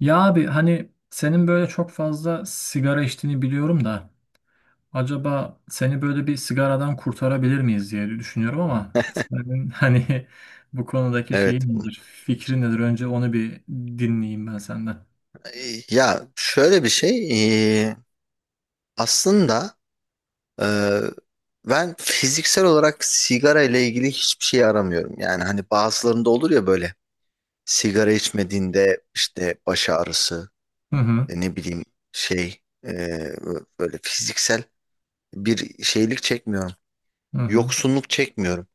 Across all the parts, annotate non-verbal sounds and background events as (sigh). Ya abi hani senin böyle çok fazla sigara içtiğini biliyorum da acaba seni böyle bir sigaradan kurtarabilir miyiz diye düşünüyorum ama senin (laughs) hani bu konudaki Evet. şeyin nedir, fikrin nedir? Önce onu bir dinleyeyim ben senden. Ya şöyle bir şey, e, aslında, e, ben fiziksel olarak sigara ile ilgili hiçbir şey aramıyorum. Yani hani bazılarında olur ya, böyle sigara içmediğinde işte baş ağrısı, Hı hı, ne bileyim, şey e, böyle fiziksel bir şeylik çekmiyorum. hı hı, Yoksunluk çekmiyorum.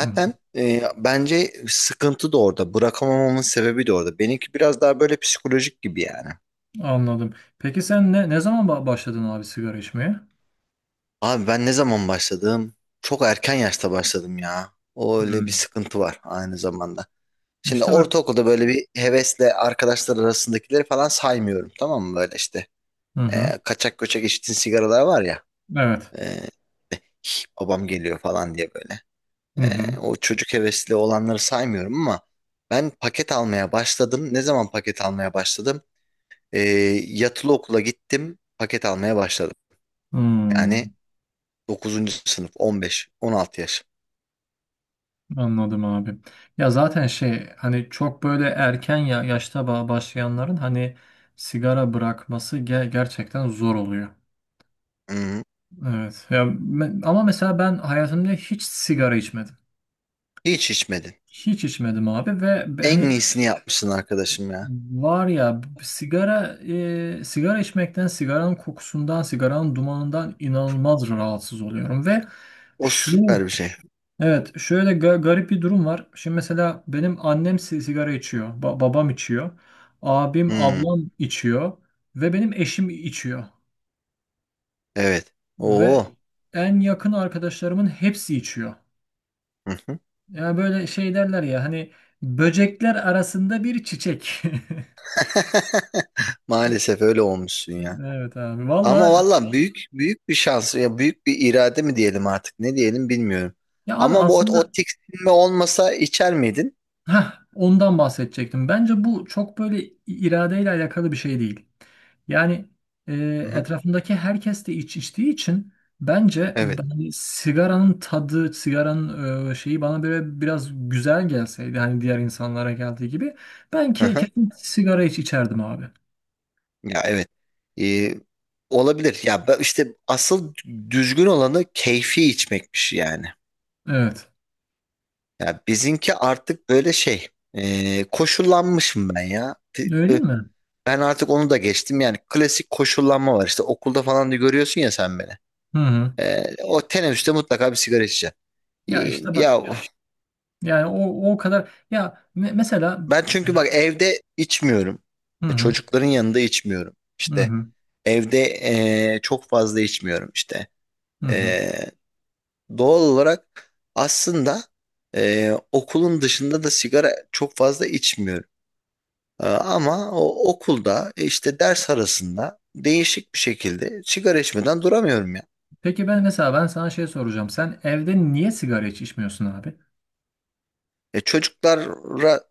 hı, hı. Bence sıkıntı da orada. Bırakamamamın sebebi de orada. Benimki biraz daha böyle psikolojik gibi yani. Anladım. Peki sen ne zaman başladın abi sigara içmeye? Abi ben ne zaman başladım? Çok erken yaşta başladım ya. O öyle bir Hı. sıkıntı var aynı zamanda. Şimdi İşte bak. ortaokulda böyle bir hevesle arkadaşlar arasındakileri falan saymıyorum, tamam mı? Böyle işte, Hı hı. Kaçak göçek içtiğin sigaralar var ya. Evet. e, "Hih, babam geliyor" falan diye böyle. Hı hı. O çocuk hevesli olanları saymıyorum ama ben paket almaya başladım. Ne zaman paket almaya başladım? E, Yatılı okula gittim, paket almaya başladım. Hı. Yani 9. sınıf, 15-16 yaş. Anladım abi. Ya zaten şey hani çok böyle erken ya yaşta başlayanların hani sigara bırakması gerçekten zor oluyor. Hı. Evet. Ya ama mesela ben hayatımda hiç sigara içmedim. Hiç içmedin. Hiç içmedim abi ve En hani iyisini yapmışsın arkadaşım ya. var ya sigara içmekten, sigaranın kokusundan, sigaranın dumanından inanılmaz rahatsız oluyorum ve O şu. süper bir şey. Evet, şöyle garip bir durum var. Şimdi mesela benim annem sigara içiyor, babam içiyor, abim, Hmm, ablam içiyor ve benim eşim içiyor evet. ve Oo. en yakın arkadaşlarımın hepsi içiyor. Hı hı. Yani böyle şey derler ya hani böcekler arasında bir çiçek. (laughs) (laughs) Maalesef öyle olmuşsun ya. Evet abi Ama valla, valla büyük büyük bir şans ya, büyük bir irade mi diyelim artık, ne diyelim bilmiyorum. ya abi Ama bu o, o aslında, tiksinme olmasa içer miydin? heh, ondan bahsedecektim. Bence bu çok böyle iradeyle alakalı bir şey değil. Yani e, Hı hı. etrafındaki herkes de içtiği için bence Evet. ben sigaranın tadı, sigaranın şeyi bana böyle biraz güzel gelseydi hani diğer insanlara geldiği gibi ben Hı hı. kesin sigara içerdim abi. Ya evet. Ee, Olabilir. İşte asıl düzgün olanı keyfi içmekmiş yani. Evet. Ya bizimki artık böyle koşullanmışım ben ya. Öyle değil mi? Ben artık onu da geçtim yani. Klasik koşullanma var işte, okulda falan da görüyorsun ya sen beni. Hı hı. E, o teneffüste mutlaka bir sigara içeceksin. Ya işte bak Ya yani o kadar ya mesela. ben çünkü bak evde içmiyorum. Hı hı, Çocukların yanında içmiyorum. hı İşte hı, evde çok fazla içmiyorum işte. hı hı. E, Doğal olarak aslında okulun dışında da sigara çok fazla içmiyorum. Ama o okulda, işte ders arasında değişik bir şekilde sigara içmeden duramıyorum ya. Peki ben mesela ben sana şey soracağım. Sen evde niye sigara hiç içmiyorsun abi? Çocuklara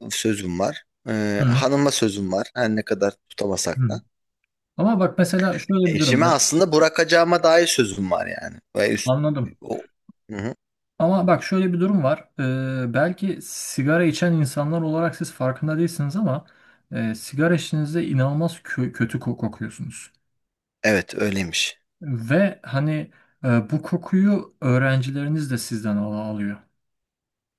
sözüm var. Hı Hanıma sözüm var. Her ne kadar tutamasak hı. da. Ama bak mesela şöyle bir durum Eşime ben. aslında bırakacağıma dair sözüm var yani. Anladım. o, Hı hı. Ama bak şöyle bir durum var. Belki sigara içen insanlar olarak siz farkında değilsiniz ama sigara içtiğinizde inanılmaz kötü kokuyorsunuz. Evet öyleymiş. Ve hani bu kokuyu öğrencileriniz de sizden alıyor.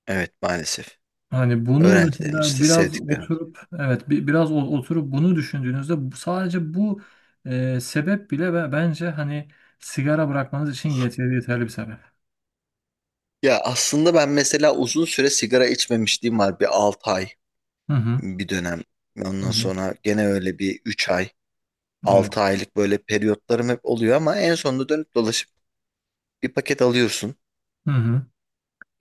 Evet maalesef. Hani bunu Öğrencilerimiz mesela işte, biraz sevdiklerimiz. oturup evet biraz oturup bunu düşündüğünüzde sadece bu sebep bile bence hani sigara bırakmanız için yeterli yeterli bir sebep. Ya aslında ben mesela uzun süre sigara içmemişliğim var. Bir 6 ay Hı hı. bir dönem. Hı Ondan hı. sonra gene öyle bir 3 ay. Evet. 6 aylık böyle periyotlarım hep oluyor ama en sonunda dönüp dolaşıp bir paket alıyorsun. Hı hı.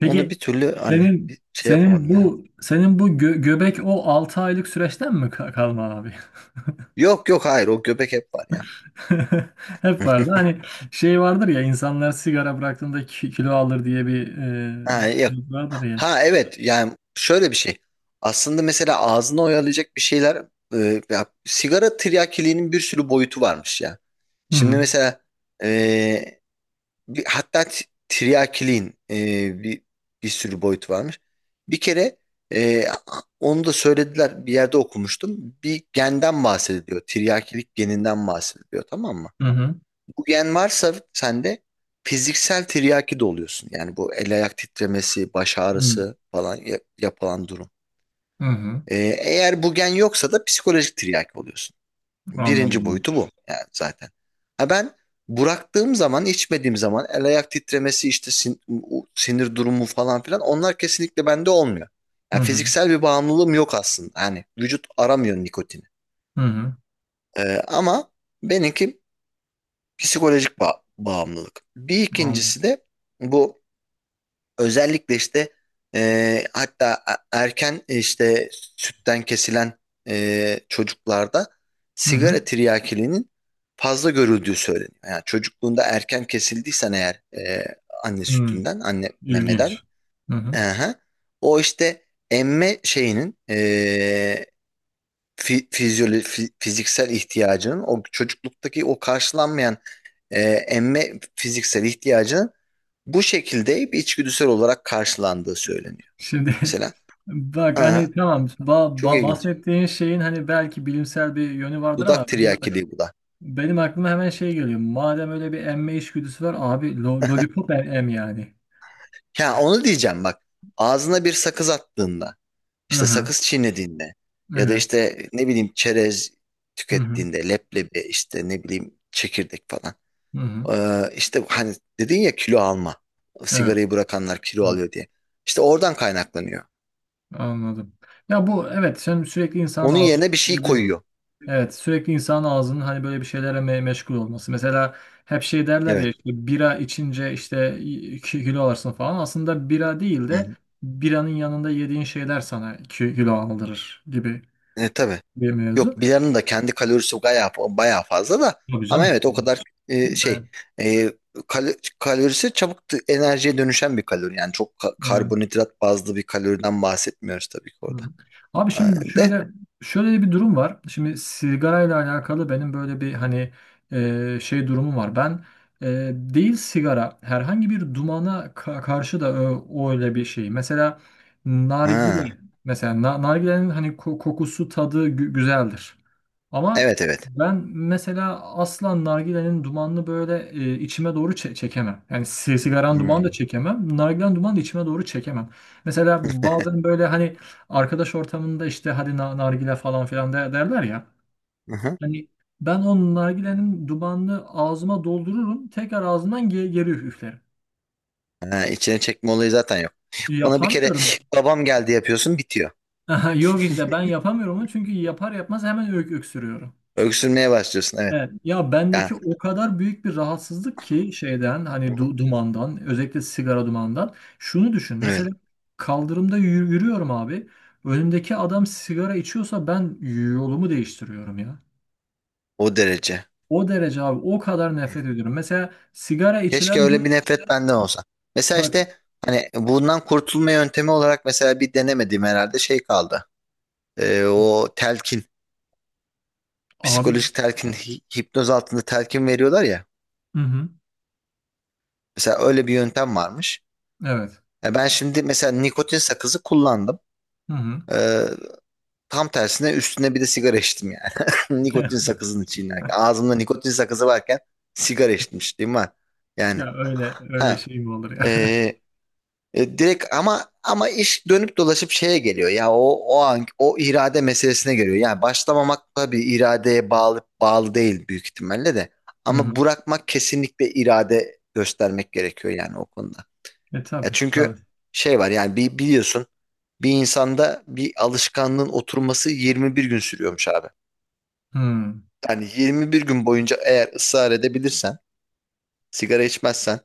Onu bir türlü hani senin bir şey senin yapamadım ya. bu senin bu göbek o 6 aylık süreçten mi kalma abi? Yok yok, hayır, o göbek hep var ya. (laughs) Hep (laughs) vardı. Hani şey vardır ya insanlar sigara bıraktığında kilo alır diye bir Ha yok. vardır ya. Ha evet, yani şöyle bir şey. Aslında mesela ağzını oyalayacak bir şeyler, ya, sigara tiryakiliğinin bir sürü boyutu varmış ya. Hı Şimdi hı. mesela e, bir, hatta tiryakiliğin bir sürü boyut varmış. Bir kere e, onu da söylediler, bir yerde okumuştum. Bir genden bahsediliyor. Tiryakilik geninden bahsediliyor, tamam mı? Hı hı. Bu gen varsa sende fiziksel tiryaki de oluyorsun. Yani bu el ayak titremesi, baş ağrısı falan yapılan durum. Hı hı. Eğer bu gen yoksa da psikolojik tiryaki oluyorsun. Birinci Anladım abi. boyutu bu yani zaten. Ha ben bıraktığım zaman, içmediğim zaman el ayak titremesi, işte sinir durumu falan filan, onlar kesinlikle bende olmuyor. Hı Yani hı. fiziksel bir bağımlılığım yok aslında. Yani vücut aramıyor nikotini. Hı hı. Ama benimki psikolojik bağımlılık. Bir Anladım. ikincisi de bu. Özellikle işte, hatta erken, işte sütten kesilen çocuklarda Hı sigara hı. tiryakiliğinin fazla görüldüğü söyleniyor. Yani çocukluğunda erken kesildiysen eğer, anne Hı. sütünden, anne memeden, İlginç. Hı hı. aha, o işte emme şeyinin, fiziksel ihtiyacının, o çocukluktaki o karşılanmayan e, emme fiziksel ihtiyacının bu şekilde bir içgüdüsel olarak karşılandığı söyleniyor. Şimdi (laughs) Mesela bak hani ha, tamam çok ilginç. bahsettiğin şeyin hani belki bilimsel bir yönü vardır ama Dudak benim, tiryakiliği bu da. benim aklıma hemen şey geliyor. Madem öyle bir emme içgüdüsü var abi lollipop em, em yani. Ya onu diyeceğim bak. Ağzına bir sakız attığında, Hı işte hı. sakız çiğnediğinde, ya da Evet. işte ne bileyim çerez Hı hı. tükettiğinde, leblebi işte, ne bileyim, çekirdek falan. Hı hı. İşte hani dedin ya, kilo alma. Evet. Sigarayı bırakanlar kilo Evet. alıyor diye. İşte oradan kaynaklanıyor. Anladım. Ya bu evet sen sürekli insanın Onun ağzı. yerine bir şey koyuyor. Evet, sürekli insanın ağzının hani böyle bir şeylere meşgul olması. Mesela hep şey derler ya Evet. işte bira içince işte 2 kilo alırsın falan. Aslında bira değil Hı de hı. biranın yanında yediğin şeyler sana 2 kilo aldırır gibi Tabii. bir mevzu. Yok biranın da kendi kalorisi bayağı, bayağı fazla da, Tabii ama canım. evet o kadar, e, şey e, kalorisi çabuk, enerjiye dönüşen bir kalori. Yani çok Evet. karbonhidrat bazlı bir kaloriden bahsetmiyoruz tabii ki Hı orada. hı. Abi Ha, şimdi de şöyle bir durum var. Şimdi sigarayla alakalı benim böyle bir hani şey durumum var. Ben değil sigara herhangi bir dumana karşı da o öyle bir şey. Mesela ha, nargile, mesela nargilenin hani kokusu tadı güzeldir. Ama evet evet. ben mesela asla nargilenin dumanını böyle içime doğru çekemem. Yani sigaranın dumanı da Hmm. çekemem. Nargilenin dumanı da içime doğru çekemem. Mesela bazen böyle hani arkadaş ortamında işte hadi nargile falan filan derler ya. Aha. Hani ben o nargilenin dumanını ağzıma doldururum. Tekrar ağzımdan geri üflerim. Ha, içine çekme olayı zaten yok. Bana bir kere Yapamıyorum. (sniffs) babam geldi, yapıyorsun bitiyor. (laughs) Yok işte ben yapamıyorum onu çünkü yapar yapmaz hemen öksürüyorum. Öksürmeye başlıyorsun, evet. Evet, ya bendeki Ya, o kadar büyük bir rahatsızlık ki şeyden hani hı hı, dumandan özellikle sigara dumanından şunu düşün mesela evet, kaldırımda yürüyorum abi önümdeki adam sigara içiyorsa ben yolumu değiştiriyorum ya. o derece. O derece abi o kadar nefret ediyorum. Mesela sigara içilen. Keşke öyle bir- bir nefret benden olsa. Mesela bak işte, hani bundan kurtulma yöntemi olarak mesela bir denemediğim herhalde şey kaldı. O telkin, abi. psikolojik telkin, hipnoz altında telkin veriyorlar ya. Hı hı. Mesela öyle bir yöntem varmış. Evet. Ya ben şimdi mesela nikotin sakızı kullandım. Hı hı. Ee, Tam tersine üstüne bir de sigara içtim yani. (laughs) Nikotin (laughs) sakızının çiğnerken, ağzımda nikotin sakızı varken sigara içmişliğim var. Yani Ya öyle öyle ha, şey mi olur e, ya? (laughs) Direkt. Ama iş dönüp dolaşıp şeye geliyor ya, o o an o irade meselesine geliyor. Yani başlamamak tabii iradeye bağlı değil büyük ihtimalle de. Hı Ama hı. bırakmak kesinlikle irade göstermek gerekiyor yani o konuda. E Ya tabii. çünkü Tabii. şey var, yani bir biliyorsun, bir insanda bir alışkanlığın oturması 21 gün sürüyormuş abi. Hı Yani 21 gün boyunca eğer ısrar edebilirsen, sigara içmezsen,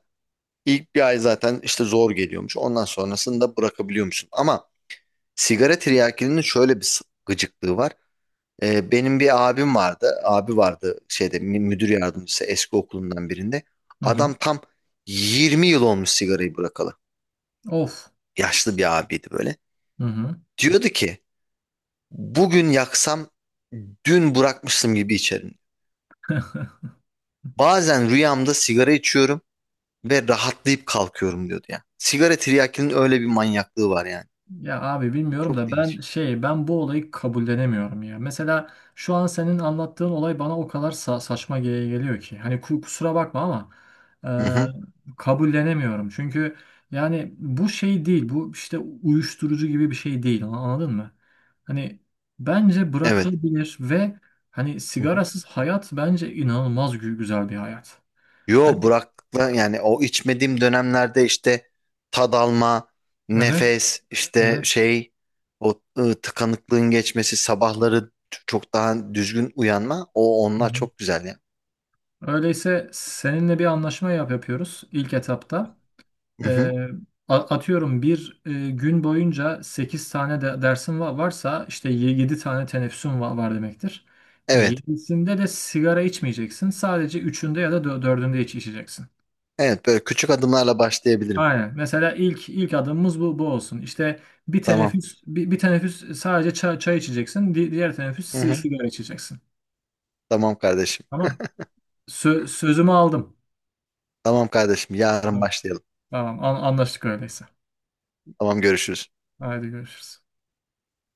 ilk bir ay zaten işte zor geliyormuş. Ondan sonrasında bırakabiliyormuşsun. Ama sigara tiryakinin şöyle bir gıcıklığı var. Benim bir abim vardı. Abi vardı, şeyde müdür yardımcısı eski okulundan birinde. hı. Adam tam 20 yıl olmuş sigarayı bırakalı. Of. Yaşlı bir abiydi böyle. Hı hı. Diyordu ki bugün yaksam dün bırakmıştım gibi içerim. Bazen rüyamda sigara içiyorum ve rahatlayıp kalkıyorum, diyordu ya. Sigara tiryakinin öyle bir manyaklığı var yani. Ya abi bilmiyorum Çok da ben değişik. Bu olayı kabullenemiyorum ya. Mesela şu an senin anlattığın olay bana o kadar saçma geliyor ki. Hani kusura bakma ama Hı hı. Kabullenemiyorum. Çünkü yani bu şey değil. Bu işte uyuşturucu gibi bir şey değil. Anladın mı? Hani bence Evet. bırakılabilir ve hani sigarasız hayat bence inanılmaz güzel bir hayat. Yo Hani Burak'la yani, o içmediğim dönemlerde işte tad alma, evet nefes, işte evet. şey, tıkanıklığın geçmesi, sabahları çok daha düzgün uyanma, o Hı onlar hı. çok güzel ya. Öyleyse seninle bir anlaşma yapıyoruz ilk etapta. Hı E, hı. atıyorum bir gün boyunca 8 tane de dersim varsa işte 7 tane teneffüsün var demektir. Evet. Yedisinde de sigara içmeyeceksin. Sadece üçünde ya da dördünde içeceksin. Evet, böyle küçük adımlarla başlayabilirim. Aynen. Mesela ilk adımımız bu olsun. İşte bir Tamam. teneffüs bir, bir teneffüs sadece çay içeceksin. Diğer teneffüs Hı hı. sigara içeceksin. Tamam kardeşim. Tamam. Sözümü aldım. Tamam kardeşim, yarın Tamam. başlayalım. Tamam. Anlaştık öyleyse. Tamam, görüşürüz. Haydi görüşürüz.